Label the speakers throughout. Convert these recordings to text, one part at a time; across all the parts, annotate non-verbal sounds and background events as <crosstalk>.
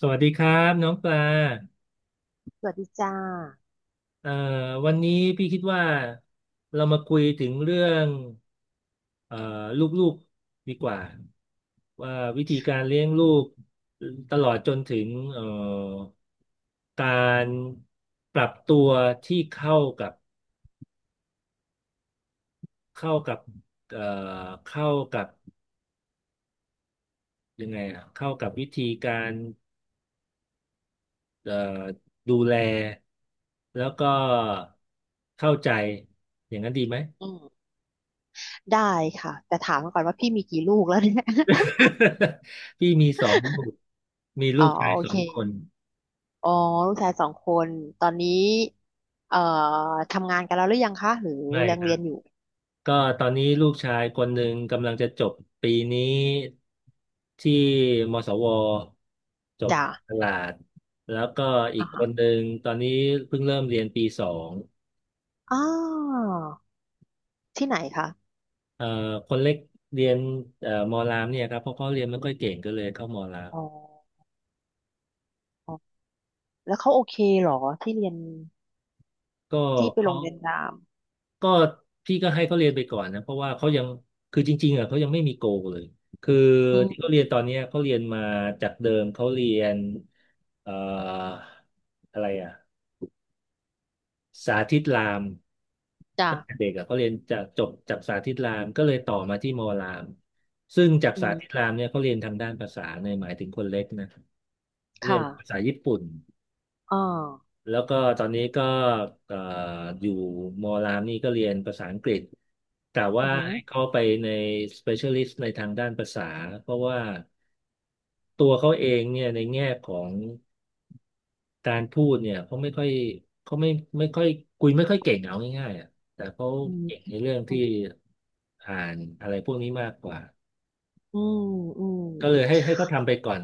Speaker 1: สวัสดีครับน้องปลา
Speaker 2: สวัสดีจ้า
Speaker 1: เอ่อวันนี้พี่คิดว่าเรามาคุยถึงเรื่องเอ่อลูกๆดีกว่าว่าวิธีการเลี้ยงลูกตลอดจนถึงการปรับตัวที่เข้ากับเข้ากับเอ่อเข้ากับยังไงอะเข้ากับวิธีการเอ่อดูแลแล้วก็เข้าใจอย่างนั้นดีไหม
Speaker 2: อืมได้ค่ะ แต่ถามก่อนว่าพี่มีกี่ลูกแล้วเนี่ย
Speaker 1: <laughs> พี่มีสองลูกมี
Speaker 2: <laughs>
Speaker 1: ลู
Speaker 2: อ๋อ
Speaker 1: กชาย
Speaker 2: โอ
Speaker 1: สอ
Speaker 2: เค
Speaker 1: งคน
Speaker 2: อ๋อลูกชายสองคน ตอนนี้ เอ่อทำงานกันแล้วหรือยังคะ หรือ
Speaker 1: ไม่
Speaker 2: ยัง
Speaker 1: ครั
Speaker 2: เรีย
Speaker 1: บ
Speaker 2: นอยู่
Speaker 1: ก็ตอนนี้ลูกชายคนหนึ่งกำลังจะจบปีนี้ที่มศวจบ
Speaker 2: จ้า
Speaker 1: ตลาด แล้วก็อี
Speaker 2: อ่า
Speaker 1: กค
Speaker 2: ฮะ
Speaker 1: นหนึ่งตอนนี้เพิ่งเริ่มเรียนปีสอง
Speaker 2: อ้าวที่ไหนคะ
Speaker 1: เอ่อคนเล็กเรียนมอรามเนี่ยครับเพราะเขาเรียนไม่ค่อยเก่งก็เลยเข้ามอราม
Speaker 2: อ๋ออ๋อแล้วเขาโอเคเหรอที่เรียน
Speaker 1: ก็
Speaker 2: ที่ไปโร
Speaker 1: เขา
Speaker 2: งเรียนราม
Speaker 1: ก็พี่ก็ให้เขาเรียนไปก่อนนะเพราะว่าเขายังคือจริงๆอ่ะเขายังไม่มีโกเลยคือ
Speaker 2: อื
Speaker 1: ที่
Speaker 2: ม
Speaker 1: เขาเรียนตอนเนี้ยเขาเรียนมาจากเดิมเขาเรียนเอ่ออะไรอ่ะสาธิตราม
Speaker 2: จ้า
Speaker 1: ตั้งแต่เด็กอ่ะเขาเรียนจากจบจากสาธิตรามก็เลยต่อมาที่มอรามซึ่งจาก
Speaker 2: อื
Speaker 1: สาธิต
Speaker 2: ม
Speaker 1: รามเนี่ยเขาเรียนทางด้านภาษาในยหมายถึงคนเล็กนะเรีย
Speaker 2: ค่ะ
Speaker 1: นภาษาญี่ปุ่น
Speaker 2: อ่า
Speaker 1: แล้วก็ตอนนี้ก็เอ่ออยู่มอรามนี่ก็เรียนภาษาอังกฤษแต่
Speaker 2: อื
Speaker 1: ว่า
Speaker 2: อหือ
Speaker 1: ให้เข้าไปใน specialist ในทางด้านภาษาเพราะว่าตัวเขาเองเนี่ยในแง่ของการพูดเนี่ยเขาไม่ค่อยเขาไม่ไม่ค่อยคุยไม่ค่อยเก่งเอาง่ายๆอ่ะแต่เขา
Speaker 2: อืม
Speaker 1: เก่งในเรื่อง
Speaker 2: อื
Speaker 1: ที่
Speaker 2: ม
Speaker 1: อ่านอะไรพวกนี้มากกว่า
Speaker 2: อืม อืม
Speaker 1: ก็เลยให้เขาทำไปก่อน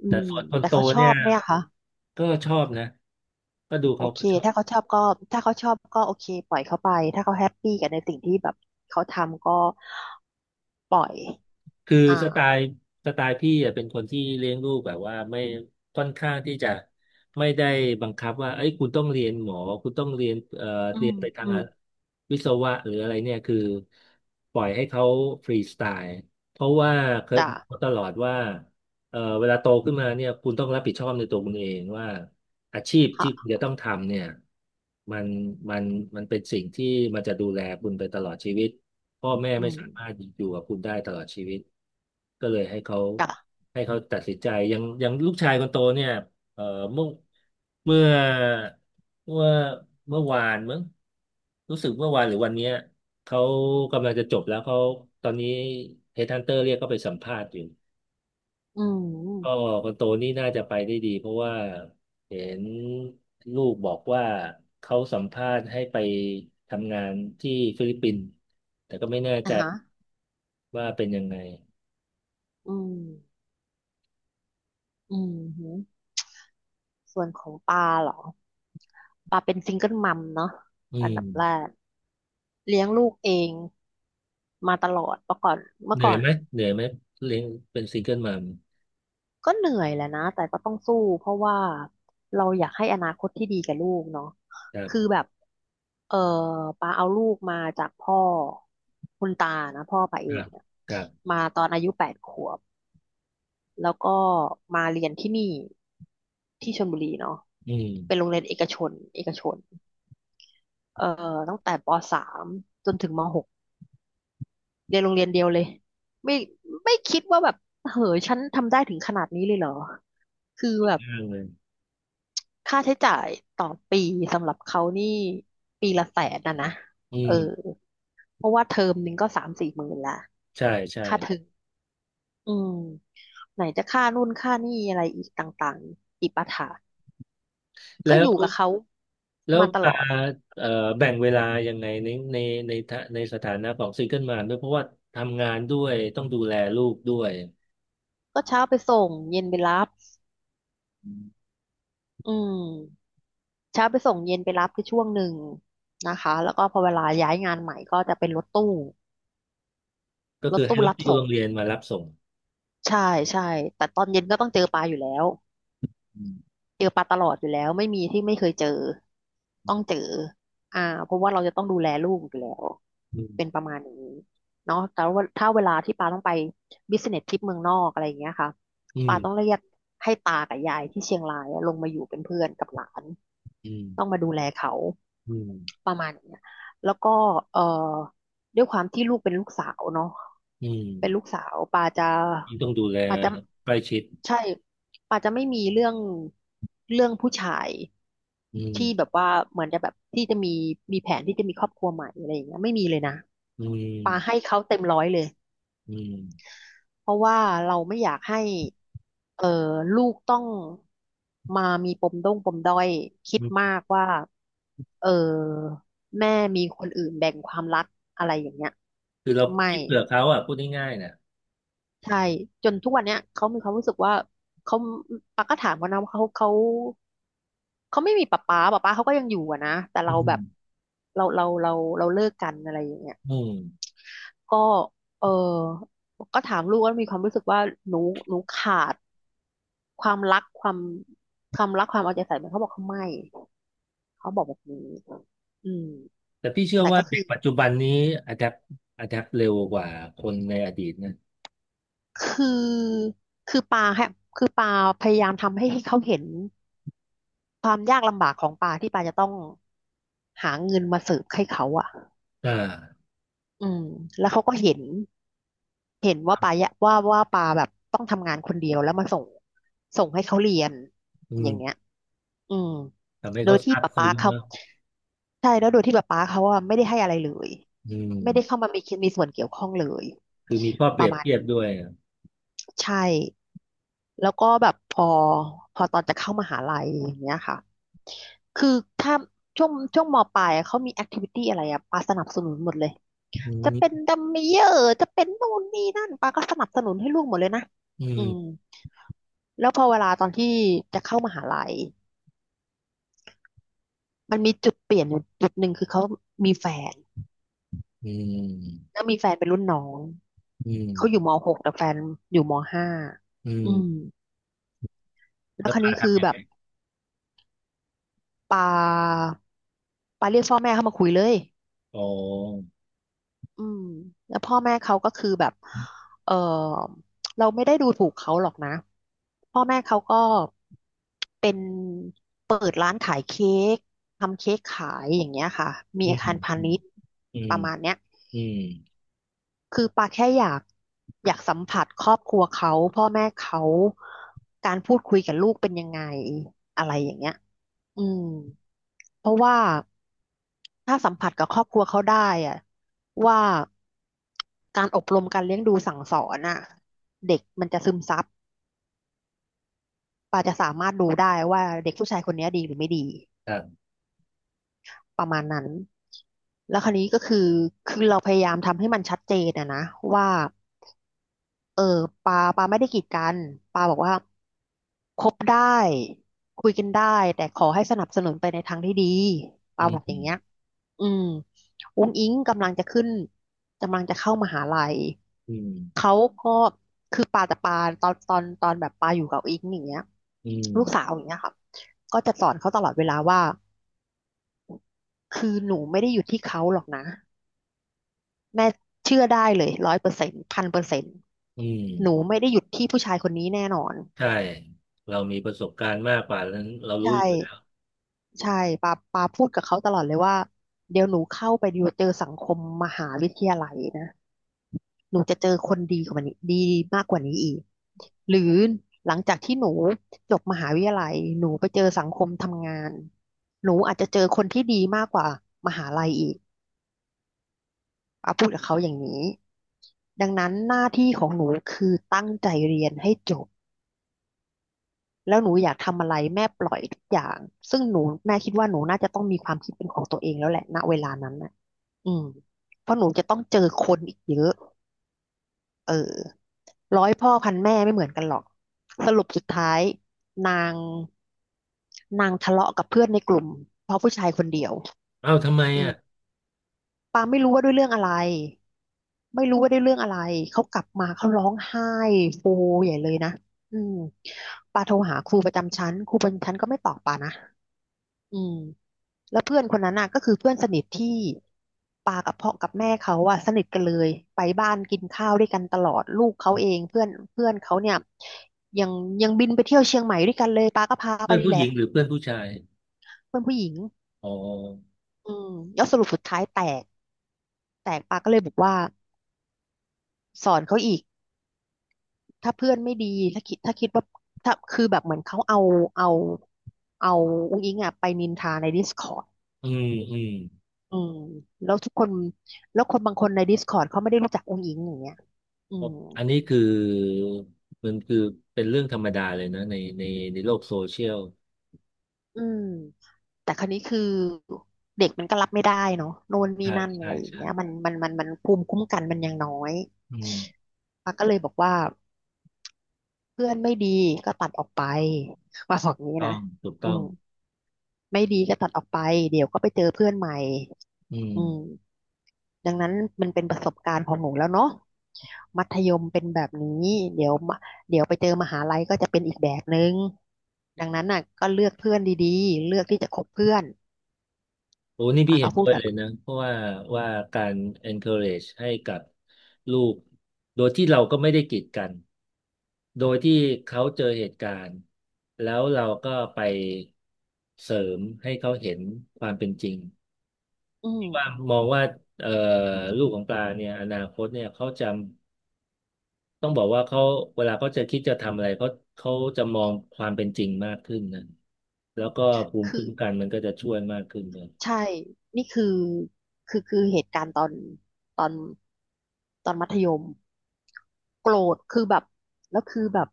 Speaker 2: อื
Speaker 1: แต่
Speaker 2: ม
Speaker 1: ส่วนคน
Speaker 2: แต่
Speaker 1: โต
Speaker 2: เขาชอ
Speaker 1: เนี่ย
Speaker 2: บไหมอะคะ
Speaker 1: ก็ชอบนะก็ดู
Speaker 2: โอ
Speaker 1: เขา
Speaker 2: เค
Speaker 1: ก็ชอบ
Speaker 2: ถ้าเขาชอบก็ถ้าเขาชอบก็โอเคปล่อยเขาไป ถ้าเขาแฮปปี้กับในสิ่งที่แบบเขาทำก็ปล่อย
Speaker 1: คือ
Speaker 2: อ่า
Speaker 1: สไตล์สไตล์พี่อะเป็นคนที่เลี้ยงลูกแบบว่าไม่ค่อนข้างที่จะไม่ได้บังคับว่าเอ้ยคุณต้องเรียนหมอคุณต้องเรียน
Speaker 2: อื
Speaker 1: เรี
Speaker 2: ม
Speaker 1: ยนไปทา
Speaker 2: อื
Speaker 1: ง
Speaker 2: ม
Speaker 1: วิศวะหรืออะไรเนี่ยคือปล่อยให้เขาฟรีสไตล์เพราะว่าเคย
Speaker 2: จ้ะ
Speaker 1: บอกเขาตลอดว่า เวลาโตขึ้นมาเนี่ยคุณต้องรับผิดชอบในตัวคุณเองว่าอาชีพที่คุณ
Speaker 2: ค่ะ
Speaker 1: จะต้องทำเนี่ยมันมันมันเป็นสิ่งที่มันจะดูแลคุณไปตลอดชีวิตพ่อแม่
Speaker 2: อื
Speaker 1: ไม่
Speaker 2: ม
Speaker 1: สามารถอยู่กับคุณได้ตลอดชีวิตก็เลย
Speaker 2: จ้ะ
Speaker 1: ให้เขาตัดสินใจอย่างอย่างลูกชายคนโตเนี่ยเอ่อเมื่อเมื่อเมื่อเมื่อวานมั้งรู้สึกเมื่อวานหรือวันเนี้ยเขากำลังจะจบแล้วเขาตอนนี้เฮดฮันเตอร์เรียกเขาไปสัมภาษณ์อยู่
Speaker 2: อื
Speaker 1: ก็
Speaker 2: ม
Speaker 1: คนโตนี่น่าจะไปได้ดีเพราะว่าเห็นลูกบอกว่าเขาสัมภาษณ์ให้ไปทำงานที่ฟิลิปปินส์แต่ก็ไม่แน่
Speaker 2: อ่ะ
Speaker 1: ใจ
Speaker 2: ฮะ
Speaker 1: ว่าเป็นยังไง
Speaker 2: อืม อืมหือส่วนของปลาเหรอปลาเป็นซิงเกิลมัมเนาะ
Speaker 1: อื
Speaker 2: อันดั
Speaker 1: ม
Speaker 2: บแรกเลี้ยงลูกเองมาตลอดเมื่อก่อนเมื่อ
Speaker 1: เหนื่
Speaker 2: ก่
Speaker 1: อ
Speaker 2: อ
Speaker 1: ย
Speaker 2: น
Speaker 1: ไหมเหนื่อยไหมเลี้ยงเป็นซิงเกิลมัม
Speaker 2: ก็เหนื่อยแหละนะแต่ก็ต้องสู้เพราะว่าเราอยากให้อนาคตที่ดีกับลูกเนาะ
Speaker 1: ครั
Speaker 2: คือ
Speaker 1: บ
Speaker 2: แบบเออปาเอาลูกมาจากพ่อคุณตานะพ่อปา
Speaker 1: ค
Speaker 2: เอง
Speaker 1: รับ
Speaker 2: เนี่ย
Speaker 1: ครับ
Speaker 2: มาตอนอายุ8 ขวบแล้วก็มาเรียนที่นี่ที่ชลบุรีเนาะ
Speaker 1: อื
Speaker 2: เป็นโร
Speaker 1: ม
Speaker 2: งเรียนเอกชนเอกชนเอ่ตั้งแต่ป.3จนถึงมหกเรียนโรงเรียนเดียวเลยไม่ไม่คิดว่าแบบเหอฉันทำได้ถึงขนาดนี้เลยเหรอคือแบบ
Speaker 1: ยากเลย
Speaker 2: ค่าใช้จ่ายต่อปีสำหรับเขานี่ปีละ 100,000นะนะ
Speaker 1: อื
Speaker 2: เออ
Speaker 1: ม
Speaker 2: เพราะว่าเทอมหนึ่งก็3-4 หมื่นละ
Speaker 1: ใช่ใช่
Speaker 2: ค่าเทอมอืมไหนจะค่านู่นค่านี่อะไรอีกต่างๆอีกปะถะก็
Speaker 1: แล้
Speaker 2: อยู่
Speaker 1: ว
Speaker 2: กับเขา
Speaker 1: แล้ว
Speaker 2: มาตล
Speaker 1: ปา
Speaker 2: อด
Speaker 1: เอ่อแบ่งเวลายังไงในสถานะของซิงเกิลมัมด้วยเพราะว่าทำงานด้วยต้องดูแลลูกด้วย
Speaker 2: ก็เช้าไปส่งเย็นไปรับอืมเช้าไปส่งเย็นไปรับคือช่วงหนึ่งนะคะแล้วก็พอเวลาย้ายงานใหม่ก็จะเป็นรถตู้
Speaker 1: ก็
Speaker 2: รถ
Speaker 1: คือให้
Speaker 2: ตู้
Speaker 1: รถ
Speaker 2: รับ
Speaker 1: ที่
Speaker 2: ส่ง
Speaker 1: โรงเรียนมารับส่ง
Speaker 2: ใช่ใช่ แต่ตอนเย็นก็ต้องเจอปลาอยู่แล้ว
Speaker 1: อืม
Speaker 2: เจอปลาตลอดอยู่แล้วไม่มีที่ไม่เคยเจอต้องเจออ่าเพราะว่าเราจะต้องดูแลลูกอยู่แล้ว
Speaker 1: อื
Speaker 2: เป็น
Speaker 1: ม
Speaker 2: ประมาณนี้เนาะแต่ว่าถ้าเวลาที่ปาต้องไปบิสเนสทริปเมืองนอกอะไรอย่างเงี้ยค่ะ
Speaker 1: อืม
Speaker 2: ปาต้องเรียกให้ตากับยายที่เชียงรายอะลงมาอยู่เป็นเพื่อนกับหลาน
Speaker 1: อืม
Speaker 2: ต้องมาดูแลเขา
Speaker 1: อืม
Speaker 2: ประมาณเนี้ยแล้วก็เอ่อด้วยความที่ลูกเป็นลูกสาวเนาะ
Speaker 1: อืม
Speaker 2: เป็นลูกสาวปาจะ
Speaker 1: ยิ่งต้องดูแล
Speaker 2: ปาจะ
Speaker 1: ใกล้ชิด
Speaker 2: ใช่ปาจะไม่มีเรื่องผู้ชาย
Speaker 1: อืม
Speaker 2: ที่แบบว่าเหมือนจะแบบที่จะมีแผนที่จะมีครอบครัวใหม่อะไรอย่างเงี้ยไม่มีเลยนะ
Speaker 1: อืม
Speaker 2: ปาให้เขาเต็มร้อยเลย
Speaker 1: อืม
Speaker 2: เพราะว่าเราไม่อยากให้เอ่อลูกต้องมามีปมด้งปมด้อยคิด
Speaker 1: อื
Speaker 2: มา
Speaker 1: ม
Speaker 2: กว่าเออแม่มีคนอื่นแบ่งความรักอะไรอย่างเงี้ย
Speaker 1: คือเรา
Speaker 2: ไม่
Speaker 1: คิดเผื่อเขาอ่ะพูดง่ายๆนะ
Speaker 2: ใช่จนทุกวันเนี้ยเขามีความรู้สึกว่าเขาปักก็ถามเขานะว่าเขาไม่มีป๊าเขาก็ยังอยู่อะนะแต่
Speaker 1: อื
Speaker 2: เราแบบ
Speaker 1: ม
Speaker 2: เราเราเราเราเลิกกันอะไรอย่างเงี้ย
Speaker 1: อืม
Speaker 2: ก็เออก็ถามลูกว่ามีความรู้สึกว่าหนูหนูขาด ความรักความความรักความเอาใจใส่มันเขาบอกเขาไม่เขาบอกแบบนี้อืม
Speaker 1: แต่พี่เชื่อ
Speaker 2: แต่
Speaker 1: ว่า
Speaker 2: ก็
Speaker 1: เด็กปัจจุบันนี้อะแดปอะแดปเร็วกว่าคนในอดีตนะ
Speaker 2: คือคือปาฮะคือปาพยายามทำให้เขาเห็นความยากลำบากของปาที่ปาจะต้องหาเงินมาเสิร์ฟให้เขาอ่ะ
Speaker 1: อ่า
Speaker 2: อืมแล้วเขาก็เห็นว่าปายะว่าปาแบบต้องทำงานคนเดียวแล้วมาส่งให้เขาเรียน
Speaker 1: อื
Speaker 2: อย่างเงี้ย
Speaker 1: ม
Speaker 2: อืม
Speaker 1: ทำให้
Speaker 2: โดย
Speaker 1: เขา
Speaker 2: ที่
Speaker 1: ซาบ
Speaker 2: ป๊าป๊า
Speaker 1: ซึ้ง
Speaker 2: เขา
Speaker 1: มาก
Speaker 2: ใช่แล้วโดยที่ป๊าป๊าเขาอ่ะไม่ได้ให้อะไรเลย
Speaker 1: อืม
Speaker 2: ไม่ได้เข้ามามีส่วนเกี่ยวข้องเลย
Speaker 1: คือมีข้อเป
Speaker 2: ประ
Speaker 1: รียบ
Speaker 2: มาณ
Speaker 1: เทีย
Speaker 2: นี้
Speaker 1: บด้วยอะ
Speaker 2: ใช่แล้วก็แบบพอตอนจะเข้ามหาลัยอย่างเงี้ยค่ะคือถ้าช่วงมปลายอะเขามีแอคทิวิตี้อะไรอะปาสนับสนุนหมดเลย
Speaker 1: อื
Speaker 2: จะเป็น
Speaker 1: ม
Speaker 2: ดัมเมเยอร์จะเป็นนู่นนี่นั่นปาก็สนับสนุนให้ลูกหมดเลยนะ
Speaker 1: อื
Speaker 2: อืม
Speaker 1: ม
Speaker 2: แล้วพอเวลาตอนที่จะเข้ามหาลัย มันมีจุดเปลี่ยนอยู่จุดหนึ่งคือเขามีแฟน
Speaker 1: อืม
Speaker 2: แล้วมีแฟนเป็นรุ่นน้อง
Speaker 1: อืม
Speaker 2: เขาอยู่มหกแต่แฟนอยู่ม.5
Speaker 1: อื
Speaker 2: อื
Speaker 1: ม
Speaker 2: มแล้ว
Speaker 1: แล้
Speaker 2: ค
Speaker 1: ว
Speaker 2: ราว
Speaker 1: ปา
Speaker 2: นี้คือ
Speaker 1: ทำยั
Speaker 2: แบ
Speaker 1: งไง
Speaker 2: บปาปาเรียกพ่อแม่เข้ามาคุยเลย
Speaker 1: อ๋อ
Speaker 2: อืมแล้วพ่อแม่เขาก็คือแบบเออเราไม่ได้ดูถูกเขาหรอกนะพ่อแม่เขาก็เป็นเค้กทำเค้กขายอย่างเงี้ยค่ะมี
Speaker 1: อืม
Speaker 2: อา
Speaker 1: อ
Speaker 2: คารพา
Speaker 1: ื
Speaker 2: ณิ
Speaker 1: ม
Speaker 2: ชย์
Speaker 1: อื
Speaker 2: ป
Speaker 1: ม
Speaker 2: ระมาณเนี้ย
Speaker 1: อืม
Speaker 2: คือปาแค่อยากสัมผัสครอบครัวเขาพ่อแม่เขาการพูดคุยกับลูกเป็นยังไงอะไรอย่างเงี้ยอืมเพราะว่าถ้าสัมผัสกับครอบครัวเขาได้อะว่าการอบรมการเลี้ยงดูสั่งสอนน่ะเด็กมันจะซึมซับปาจะสามารถดูได้ว่าเด็กผู้ชายคนเนี้ยดีหรือไม่ดี
Speaker 1: ครับ
Speaker 2: ประมาณนั้นแล้วคราวนี้ก็คือคือเราพยายามทำให้มันชัดเจนอะนะว่า เออปาไม่ได้กีดกันปาบอกว่าคบได้คุยกันได้แต่ขอให้สนับสนุนไปในทางที่ดีปา
Speaker 1: อื
Speaker 2: บอกอย่าง
Speaker 1: ม
Speaker 2: เงี้ยอืมอุ้งอิงกำลังจะขึ้นกำลังจะเข้ามหาลัย
Speaker 1: อืม
Speaker 2: เขาก็คือปาตอนแบบปาอยู่กับอิงอย่างเงี้ย
Speaker 1: อืม
Speaker 2: ลูกสาวอย่างเงี้ยค่ะก็จะสอนเขาตลอดเวลาว่าคือหนูไม่ได้อยู่ที่เขาหรอกนะแม่เชื่อได้เลย100%1000%
Speaker 1: อืมอื
Speaker 2: หนู
Speaker 1: ม
Speaker 2: ไม่ได้หยุดที่ผู้ชายคนนี้แน่นอน
Speaker 1: ใช่ เรามีประสบการณ์มากกว่านั้นเรารู้
Speaker 2: ใช่
Speaker 1: อยู่แล้ว
Speaker 2: ใช่ปาพูดกับเขาตลอดเลยว่าเดี๋ยวหนูเข้าไปอยู่เจอสังคมมหาวิทยาลัยนะหนูจะเจอคนดีกว่านี้ดีมากกว่านี้อีกหรือหลังจากที่หนูจบมหาวิทยาลัยหนูไปเจอสังคมทำงานหนูอาจจะเจอคนที่ดีมากกว่ามหาลัยอีกปาพูดกับเขาอย่างนี้ดังนั้นหน้าที่ของหนูคือตั้งใจเรียนให้จบ แล้วหนูอยากทำอะไรแม่ปล่อยทุกอย่าง ซึ่งหนูแม่คิดว่าหนูน่าจะต้องมีความคิดเป็นของตัวเองแล้วแหละณเวลานั้นนะอืมเพราะหนูจะต้องเจอคนอีกเยอะเออร้อยพ่อพันแม่ไม่เหมือนกันหรอก สรุปสุดท้ายนางนางทะเลาะกับเพื่อนในกลุ่มเพราะผู้ชายคนเดียว
Speaker 1: เอ้าทำไม
Speaker 2: อืม
Speaker 1: อ่ะ
Speaker 2: ปาไม่รู้ว่าด้วยเรื่องอะไร ไม่รู้ว่าด้วยเรื่องอะไร เขากลับมาเขาร้องไห้โฮใหญ่เลยนะอืมปาโทรหาครูประจำชั้นครูประจำชั้นก็ไม่ตอบปานะ อืมแล้วเพื่อนคนนั้นน่ะก็คือเพื่อนสนิทที่ปากับพ่อกับแม่เขาอะสนิทกันเลยไปบ้านกินข้าวด้วยกันตลอดลูกเขาเองเพื่อนเพื่อนเขาเนี่ยยังยังบินไปเที่ยวเชียงใหม่ด้วยกันเลยปาก็พาไป
Speaker 1: เพื่อน
Speaker 2: นี่
Speaker 1: ผู้
Speaker 2: แห
Speaker 1: ห
Speaker 2: ละ
Speaker 1: ญิงหรือเพื่อนผู้ชาย
Speaker 2: เพื่อนผู้หญิง
Speaker 1: อ๋อ
Speaker 2: อืมแล้วสรุปสุดท้ายแตกแตกปาก็เลยบอกว่าสอนเขาอีกถ้าเพื่อนไม่ดีถ้าคิดว่าถ้าคือแบบเหมือนเขาเอาเอาเอาอุ้งอิงอะไปนินทาใน Discord
Speaker 1: อืมอืม
Speaker 2: อืมแล้วทุกคนแล้วคนบางคนใน Discord เขาไม่ได้รู้จักองค์หญิงอย่างเงี้ยอืม
Speaker 1: อันนี้คือมันคือเป็นเรื่องธรรมดาเลยนะในโลกโซเชียล
Speaker 2: อืมแต่คราวนี้คือเด็กมันก็รับไม่ได้เนาะโน่นนี่
Speaker 1: ใช่
Speaker 2: นั่นอะ
Speaker 1: ใช่
Speaker 2: ไรอย่าง
Speaker 1: ใช่
Speaker 2: เงี้ยมันภูมิคุ้มกันมันยังน้อย
Speaker 1: อืม
Speaker 2: ป้าก็เลยบอกว่าเพื่อนไม่ดีก็ตัดออกไปว่าบอกงี้
Speaker 1: ต้
Speaker 2: นะ
Speaker 1: องถูก
Speaker 2: อื
Speaker 1: ต้อง
Speaker 2: มไม่ดีก็ตัดออกไปเดี๋ยวก็ไปเจอเพื่อนใหม่
Speaker 1: อืม
Speaker 2: อืมดังนั้นมันเป็นประสบการณ์ของหนูแล้วเนาะมัธยมเป็นแบบนี้เดี๋ยวมาเดี๋ยวไปเจอมหาลัยก็จะเป็นอีกแบบนึง ดังนั้นน่ะก็เลือกเพื่อนดีๆเลือกที่จะคบเพื่อน
Speaker 1: โอ้นี่
Speaker 2: ป้า
Speaker 1: พี่
Speaker 2: ก็
Speaker 1: เห็น
Speaker 2: พูด
Speaker 1: ด้วย
Speaker 2: แบ
Speaker 1: เล
Speaker 2: บ
Speaker 1: ย
Speaker 2: นี้
Speaker 1: นะเพราะว่าว่าการ encourage ให้กับลูกโดยที่เราก็ไม่ได้กีดกันโดยที่เขาเจอเหตุการณ์แล้วเราก็ไปเสริมให้เขาเห็นความเป็นจริง
Speaker 2: อื
Speaker 1: ที่ว่า
Speaker 2: ม
Speaker 1: มองว่าเอ่อลูกของปลาเนี่ยอนาคตเนี่ยเขาจะต้องบอกว่าเขาเวลาเขาจะคิดจะทำอะไรเขาจะมองความเป็นจริงมากขึ้นนะแล้วก็ภูมิ
Speaker 2: คือ
Speaker 1: คุ้มกันมันก็จะช่วยมากขึ้นเลย
Speaker 2: ใช่นี่คือคือเหตุการณ์ตอนตอนมัธยมโกรธคือแบบแล้วคือแบบ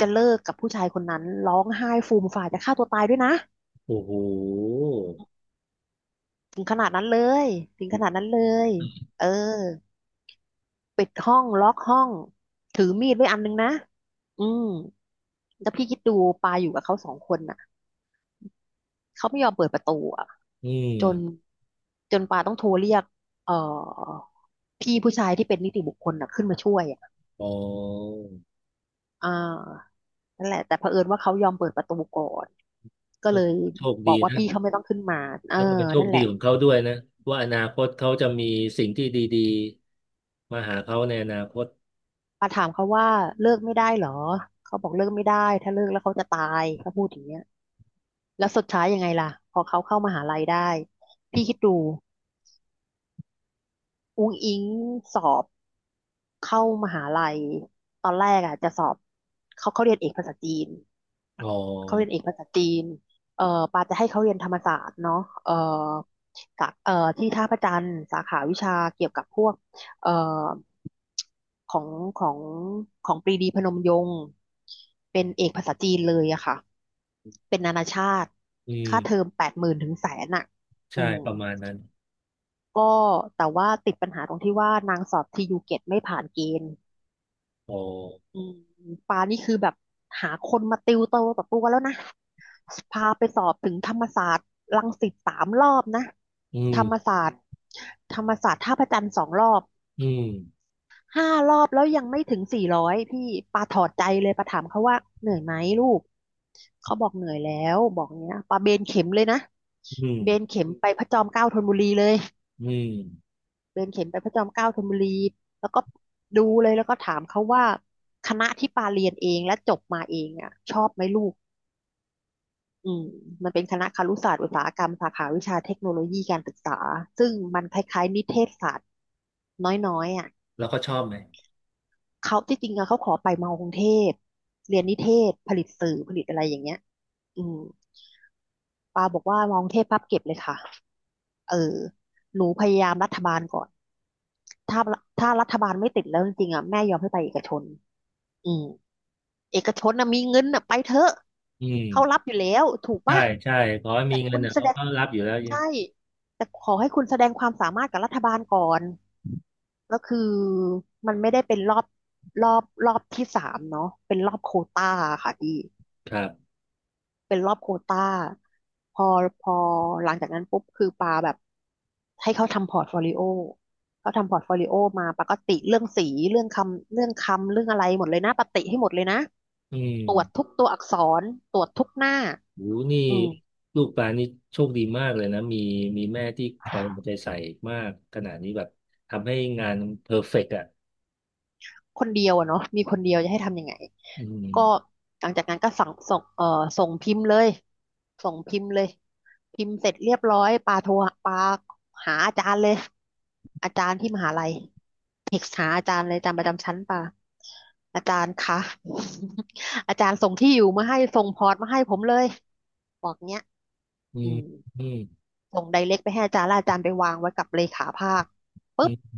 Speaker 2: จะเลิกกับผู้ชายคนนั้นร้องไห้ฟูมฝ่ายจะฆ่าตัวตายด้วยนะ
Speaker 1: โอ้โห
Speaker 2: ถึงขนาดนั้นเลยถึงขนาดนั้นเลยเออปิดห้องล็อกห้องถือมีดไว้อันนึงนะอืมแล้วพี่คิดดูปาอยู่กับเขาสองคนน่ะเขาไม่ยอมเปิดประตูอ่ะ
Speaker 1: อื
Speaker 2: จน
Speaker 1: ม
Speaker 2: จนปาต้องโทรเรียกเอ่อพี่ผู้ชายที่เป็นนิติบุคคลน่ะขึ้นมาช่วยอ่ะ
Speaker 1: อ๋อ
Speaker 2: อ่านั่นแหละแต่เผอิญว่าเขายอมเปิดประตูก่อนก็เล
Speaker 1: ก็
Speaker 2: ย
Speaker 1: โชค
Speaker 2: บอ
Speaker 1: ดี
Speaker 2: กว่า
Speaker 1: นะ
Speaker 2: พี่เขาไม่ต้องขึ้นมาเออ
Speaker 1: แล้วก็เป็นโช
Speaker 2: นั่
Speaker 1: ค
Speaker 2: นแห
Speaker 1: ดี
Speaker 2: ละ
Speaker 1: ของเขาด้วยนะ ว่าอนาคตเขาจะมีสิ่งที่ดีๆ มาหาเขาในอนาคต
Speaker 2: ปาถามเขาว่าเลิกไม่ได้เหรอเขาบอกเลิกไม่ได้ถ้าเลิกแล้วเขาจะตายเขาพูดอย่างเงี้ยแล้วสุดท้ายยังไงล่ะพอเขาเข้ามหาลัยได้พี่คิดดูอุ้งอิงสอบเข้ามหาลัยตอนแรกอ่ะจะสอบเขาเรียนเอกภาษาจีน
Speaker 1: อ๋อ
Speaker 2: เขาเรียนเอกภาษาจีนเอ่อปาจะให้เขาเรียนธรรมศาสตร์เนาะเอ่อสาเอ่อที่ท่าพระจันทร์สาขาวิชาเกี่ยวกับพวกเอ่อของของของปรีดีพนมยงค์เป็นเอกภาษาจีนเลยอะค่ะ เป็นนานาชาติ
Speaker 1: อื
Speaker 2: ค่าเทอ
Speaker 1: ม
Speaker 2: ม80,000ถึง100,000อะอื
Speaker 1: ใช่
Speaker 2: ม
Speaker 1: ประมาณนั้น
Speaker 2: ก็แต่ว่าติดปัญหาตรงที่ว่านางสอบTU-GETไม่ผ่านเกณฑ์
Speaker 1: อ๋อ
Speaker 2: อืมปานี่คือแบบหาคนมาติวเตอร์กับตัวแล้วนะพาไปสอบถึงธรรมศาสตร์รังสิต3 รอบนะ
Speaker 1: อื
Speaker 2: ธร
Speaker 1: ม
Speaker 2: รมศาสตร์ธรรมศาสตร์ท่าพระจันทร์2 รอบ
Speaker 1: อืม
Speaker 2: 5 รอบแล้วยังไม่ถึง400พี่ปาถอดใจเลยปาถามเขาว่าเหนื่อยไหมลูกเขาบอกเหนื่อยแล้วบอกเนี้ยปาเบนเข็มเลยนะ
Speaker 1: อืม
Speaker 2: เบนเข็มไปพระจอมเกล้าธนบุรีเลย
Speaker 1: อืม
Speaker 2: เดินเข็นไปพระจอมเกล้าธนบุรีแล้วก็ดูเลยแล้วก็ถามเขาว่าคณะที่ปาเรียนเองและจบมาเองอ่ะชอบไหมลูกอืมมันเป็นคณะครุศาสตร์อุตสาหกรรมสาขาวิชาเทคโนโลยีการศึกษาซึ่งมันคล้ายๆนิเทศศาสตร์น้อยๆอ่ะ
Speaker 1: แล้วก็ชอบไหม
Speaker 2: เขาที่จริงอะเขาขอไปมอกรุงเทพเรียนนิเทศผลิตสื่อผลิตอะไรอย่างเงี้ยอืมปาบอกว่ามอกรุงเทพพับเก็บเลยค่ะเออหนูพยายามรัฐบาลก่อนถ้าถ้ารัฐบาลไม่ติดแล้วจริงๆอ่ะแม่ยอมให้ไปเอกชนอืม เอกชนนะมีเงินนะไปเถอะ
Speaker 1: อืม
Speaker 2: เขารับอยู่แล้วถูก
Speaker 1: ใช่
Speaker 2: ปะ
Speaker 1: ใช่ขอให้
Speaker 2: แต่
Speaker 1: มีเงิ
Speaker 2: คุ
Speaker 1: น
Speaker 2: ณ
Speaker 1: เนี่ย
Speaker 2: แส
Speaker 1: เขา
Speaker 2: ดง
Speaker 1: ก็รับอยู่แล้ว
Speaker 2: ใช่แต่ขอให้คุณแสดงความสามารถกับรัฐบาลก่อนแล้วคือมันไม่ได้เป็นรอบรอบที่สามเนาะเป็นรอบโควต้าค่ะพี่
Speaker 1: ครับ
Speaker 2: เป็นรอบโควต้าพอพอหลังจากนั้นปุ๊บคือปาแบบให้เขาทำพอร์ตโฟลิโอเขาทำพอร์ตโฟลิโอมาปาก็ติเรื่องสีเรื่องคำเรื่องอะไรหมดเลยนะปาติให้หมดเลยนะ
Speaker 1: อืม
Speaker 2: ตรวจทุกตัวอักษรตรวจทุกหน้า
Speaker 1: หนูนี่
Speaker 2: อืม
Speaker 1: ลูกปลานี่โชคดีมากเลยนะ มีแม่ที่คอยเอาใจใส่มากขนาดนี้แบบทำให้งานเพอร์เฟกต์อ่ะ
Speaker 2: คนเดียวอะเนาะมีคนเดียวจะให้ทำยังไง
Speaker 1: อื
Speaker 2: ก็
Speaker 1: ม
Speaker 2: หลังจากนั้นก็สั่งส่งส่งพิมพ์เลยส่งพิมพ์เลยพิมพ์เสร็จเรียบร้อยปาโทรปาหาอาจารย์เลยอาจารย์ที่มหาลัย เอกหาอาจารย์เลยอาจารย์ประจำชั้นป่ะอาจารย์คะ <laughs> อาจารย์ส่งที่อยู่มาให้ส่งพอร์ตมาให้ผมเลยบอกเนี้ย
Speaker 1: อื
Speaker 2: อื
Speaker 1: ม
Speaker 2: ม
Speaker 1: อืม
Speaker 2: ส่งไดเรกไปให้อาจารย์แล้วอาจารย์ไปวางไว้กับเลขาภาคปุ๊บ
Speaker 1: อืม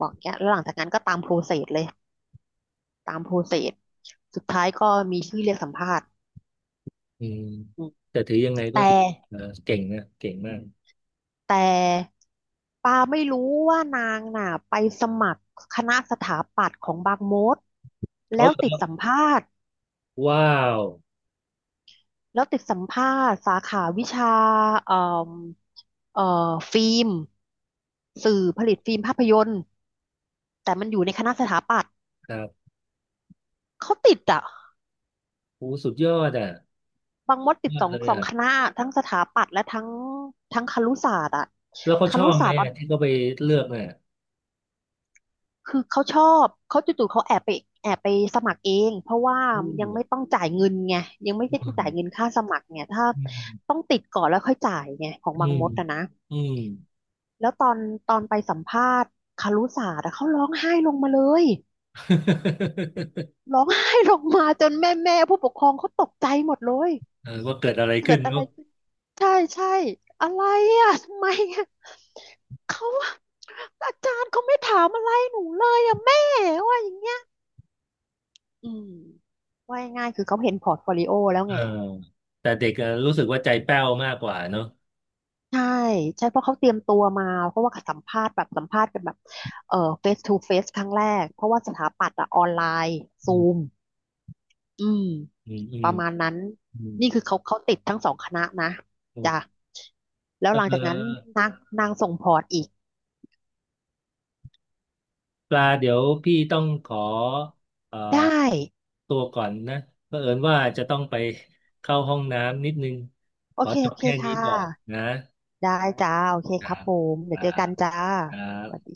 Speaker 2: บอกเนี้ยแล้วหลังจากนั้นก็ตามโปรเซสเลยตามโปรเซสสุดท้ายก็มีชื่อเรียกสัมภาษณ์
Speaker 1: อืม
Speaker 2: อืม
Speaker 1: แต่ถือยังไงก็
Speaker 2: แต่
Speaker 1: ถือเอ่อเก่งนะ เก่งมาก
Speaker 2: แต่ปาไม่รู้ว่านางน่ะไปสมัครคณะสถาปัตย์ของบางมด
Speaker 1: เขา
Speaker 2: แล้ว
Speaker 1: แบบ
Speaker 2: ติด
Speaker 1: ว่า
Speaker 2: สัมภาษณ์
Speaker 1: ว้าว
Speaker 2: แล้วติดสัมภาษณ์สาขาวิชาเอ่อเอ่อฟิล์มสื่อผลิตฟิล์มภาพยนตร์แต่มันอยู่ในคณะสถาปัตย์
Speaker 1: ครับ
Speaker 2: เขาติดอ่ะ
Speaker 1: โอ้สุดยอดอ่ะ
Speaker 2: บางมดติด
Speaker 1: มา
Speaker 2: ส
Speaker 1: ก
Speaker 2: อง
Speaker 1: เลย
Speaker 2: สอง
Speaker 1: อ่ะ
Speaker 2: คณะทั้งสถาปัตย์และทั้งทั้งครุศาสตร์อ่ะ
Speaker 1: แล้วเขา
Speaker 2: ค
Speaker 1: ชอ
Speaker 2: รุ
Speaker 1: บ
Speaker 2: ศา
Speaker 1: ไหม
Speaker 2: สตร์ตอน
Speaker 1: อ่ะที่เขาไปเลือกเนี่ย
Speaker 2: คือเขาชอบเขาจู่ๆเขาแอบไปแอบไปสมัครเองเพราะว่า
Speaker 1: อื
Speaker 2: ยังไม่ต้องจ่ายเงินไงยังไม่ได้ต้องจ่ายเงินค่าสมัครไงถ้า
Speaker 1: อื
Speaker 2: ต้อ
Speaker 1: ม
Speaker 2: งติดก่อนแล้วค่อยจ่ายไงของ
Speaker 1: อื
Speaker 2: บาง
Speaker 1: ม
Speaker 2: มดอะนะ
Speaker 1: อืมอืม
Speaker 2: แล้วตอนไปสัมภาษณ์คารุศาสตร์อะเขาร้องไห้ลงมาเลย
Speaker 1: <laughs>
Speaker 2: ร้องไห้ลงมาจนแม่ผู้ปกครองเขาตกใจหมดเลย
Speaker 1: เออว่าเกิดอะไร
Speaker 2: เกิ
Speaker 1: ขึ้
Speaker 2: ด
Speaker 1: น
Speaker 2: อะ
Speaker 1: เน
Speaker 2: ไร
Speaker 1: อะ
Speaker 2: ขึ้นใช่ใช่อะไรอะทำไมอะอาจารย์เขาไม่ถามอะไรหนูเลยอะแม่ว่าอย่างเงี้ยอืมว่าง่ายๆคือเขาเห็นพอร์ตโฟลิโอแล้ว
Speaker 1: เออ
Speaker 2: ไง
Speaker 1: แต่เด็กอะรู้สึกว่าใจแป้วมากกว่าเนอะ
Speaker 2: ใช่ใช่เพราะเขาเตรียมตัวมาเพราะว่าสัมภาษณ์แบบสัมภาษณ์กันแบบเอ่อเฟสทูเฟสครั้งแรกเพราะว่าสถาปัตย์อะออนไลน์
Speaker 1: อื
Speaker 2: ซูม
Speaker 1: ม
Speaker 2: อืม
Speaker 1: อืมอื
Speaker 2: ป
Speaker 1: ม
Speaker 2: ระมาณนั้น
Speaker 1: อืม
Speaker 2: นี่คือเขาเขาติดทั้งสองคณะนะจ้ะ
Speaker 1: โอ
Speaker 2: แล้
Speaker 1: เ
Speaker 2: วหลังจากนั้น
Speaker 1: ออ
Speaker 2: นางนางส่งพอร์ตอีก
Speaker 1: ปลาเดี๋ยวพี่ต้องขอเอ่อ
Speaker 2: ได้
Speaker 1: ตัวก่อนนะเผอิญว่าจะต้องไปเข้าห้องน้ำนิดนึง
Speaker 2: โอ
Speaker 1: ขอ
Speaker 2: เค
Speaker 1: จ
Speaker 2: โอ
Speaker 1: บ
Speaker 2: เค
Speaker 1: แค่นี้
Speaker 2: ค่ะ
Speaker 1: ก่อนนะครับ
Speaker 2: ได้จ้าโอเค
Speaker 1: ค
Speaker 2: ค
Speaker 1: รั
Speaker 2: รับ
Speaker 1: บ
Speaker 2: ผมเดี๋ยวเจอกันจ้า
Speaker 1: ครั
Speaker 2: สวัส
Speaker 1: บ
Speaker 2: ดี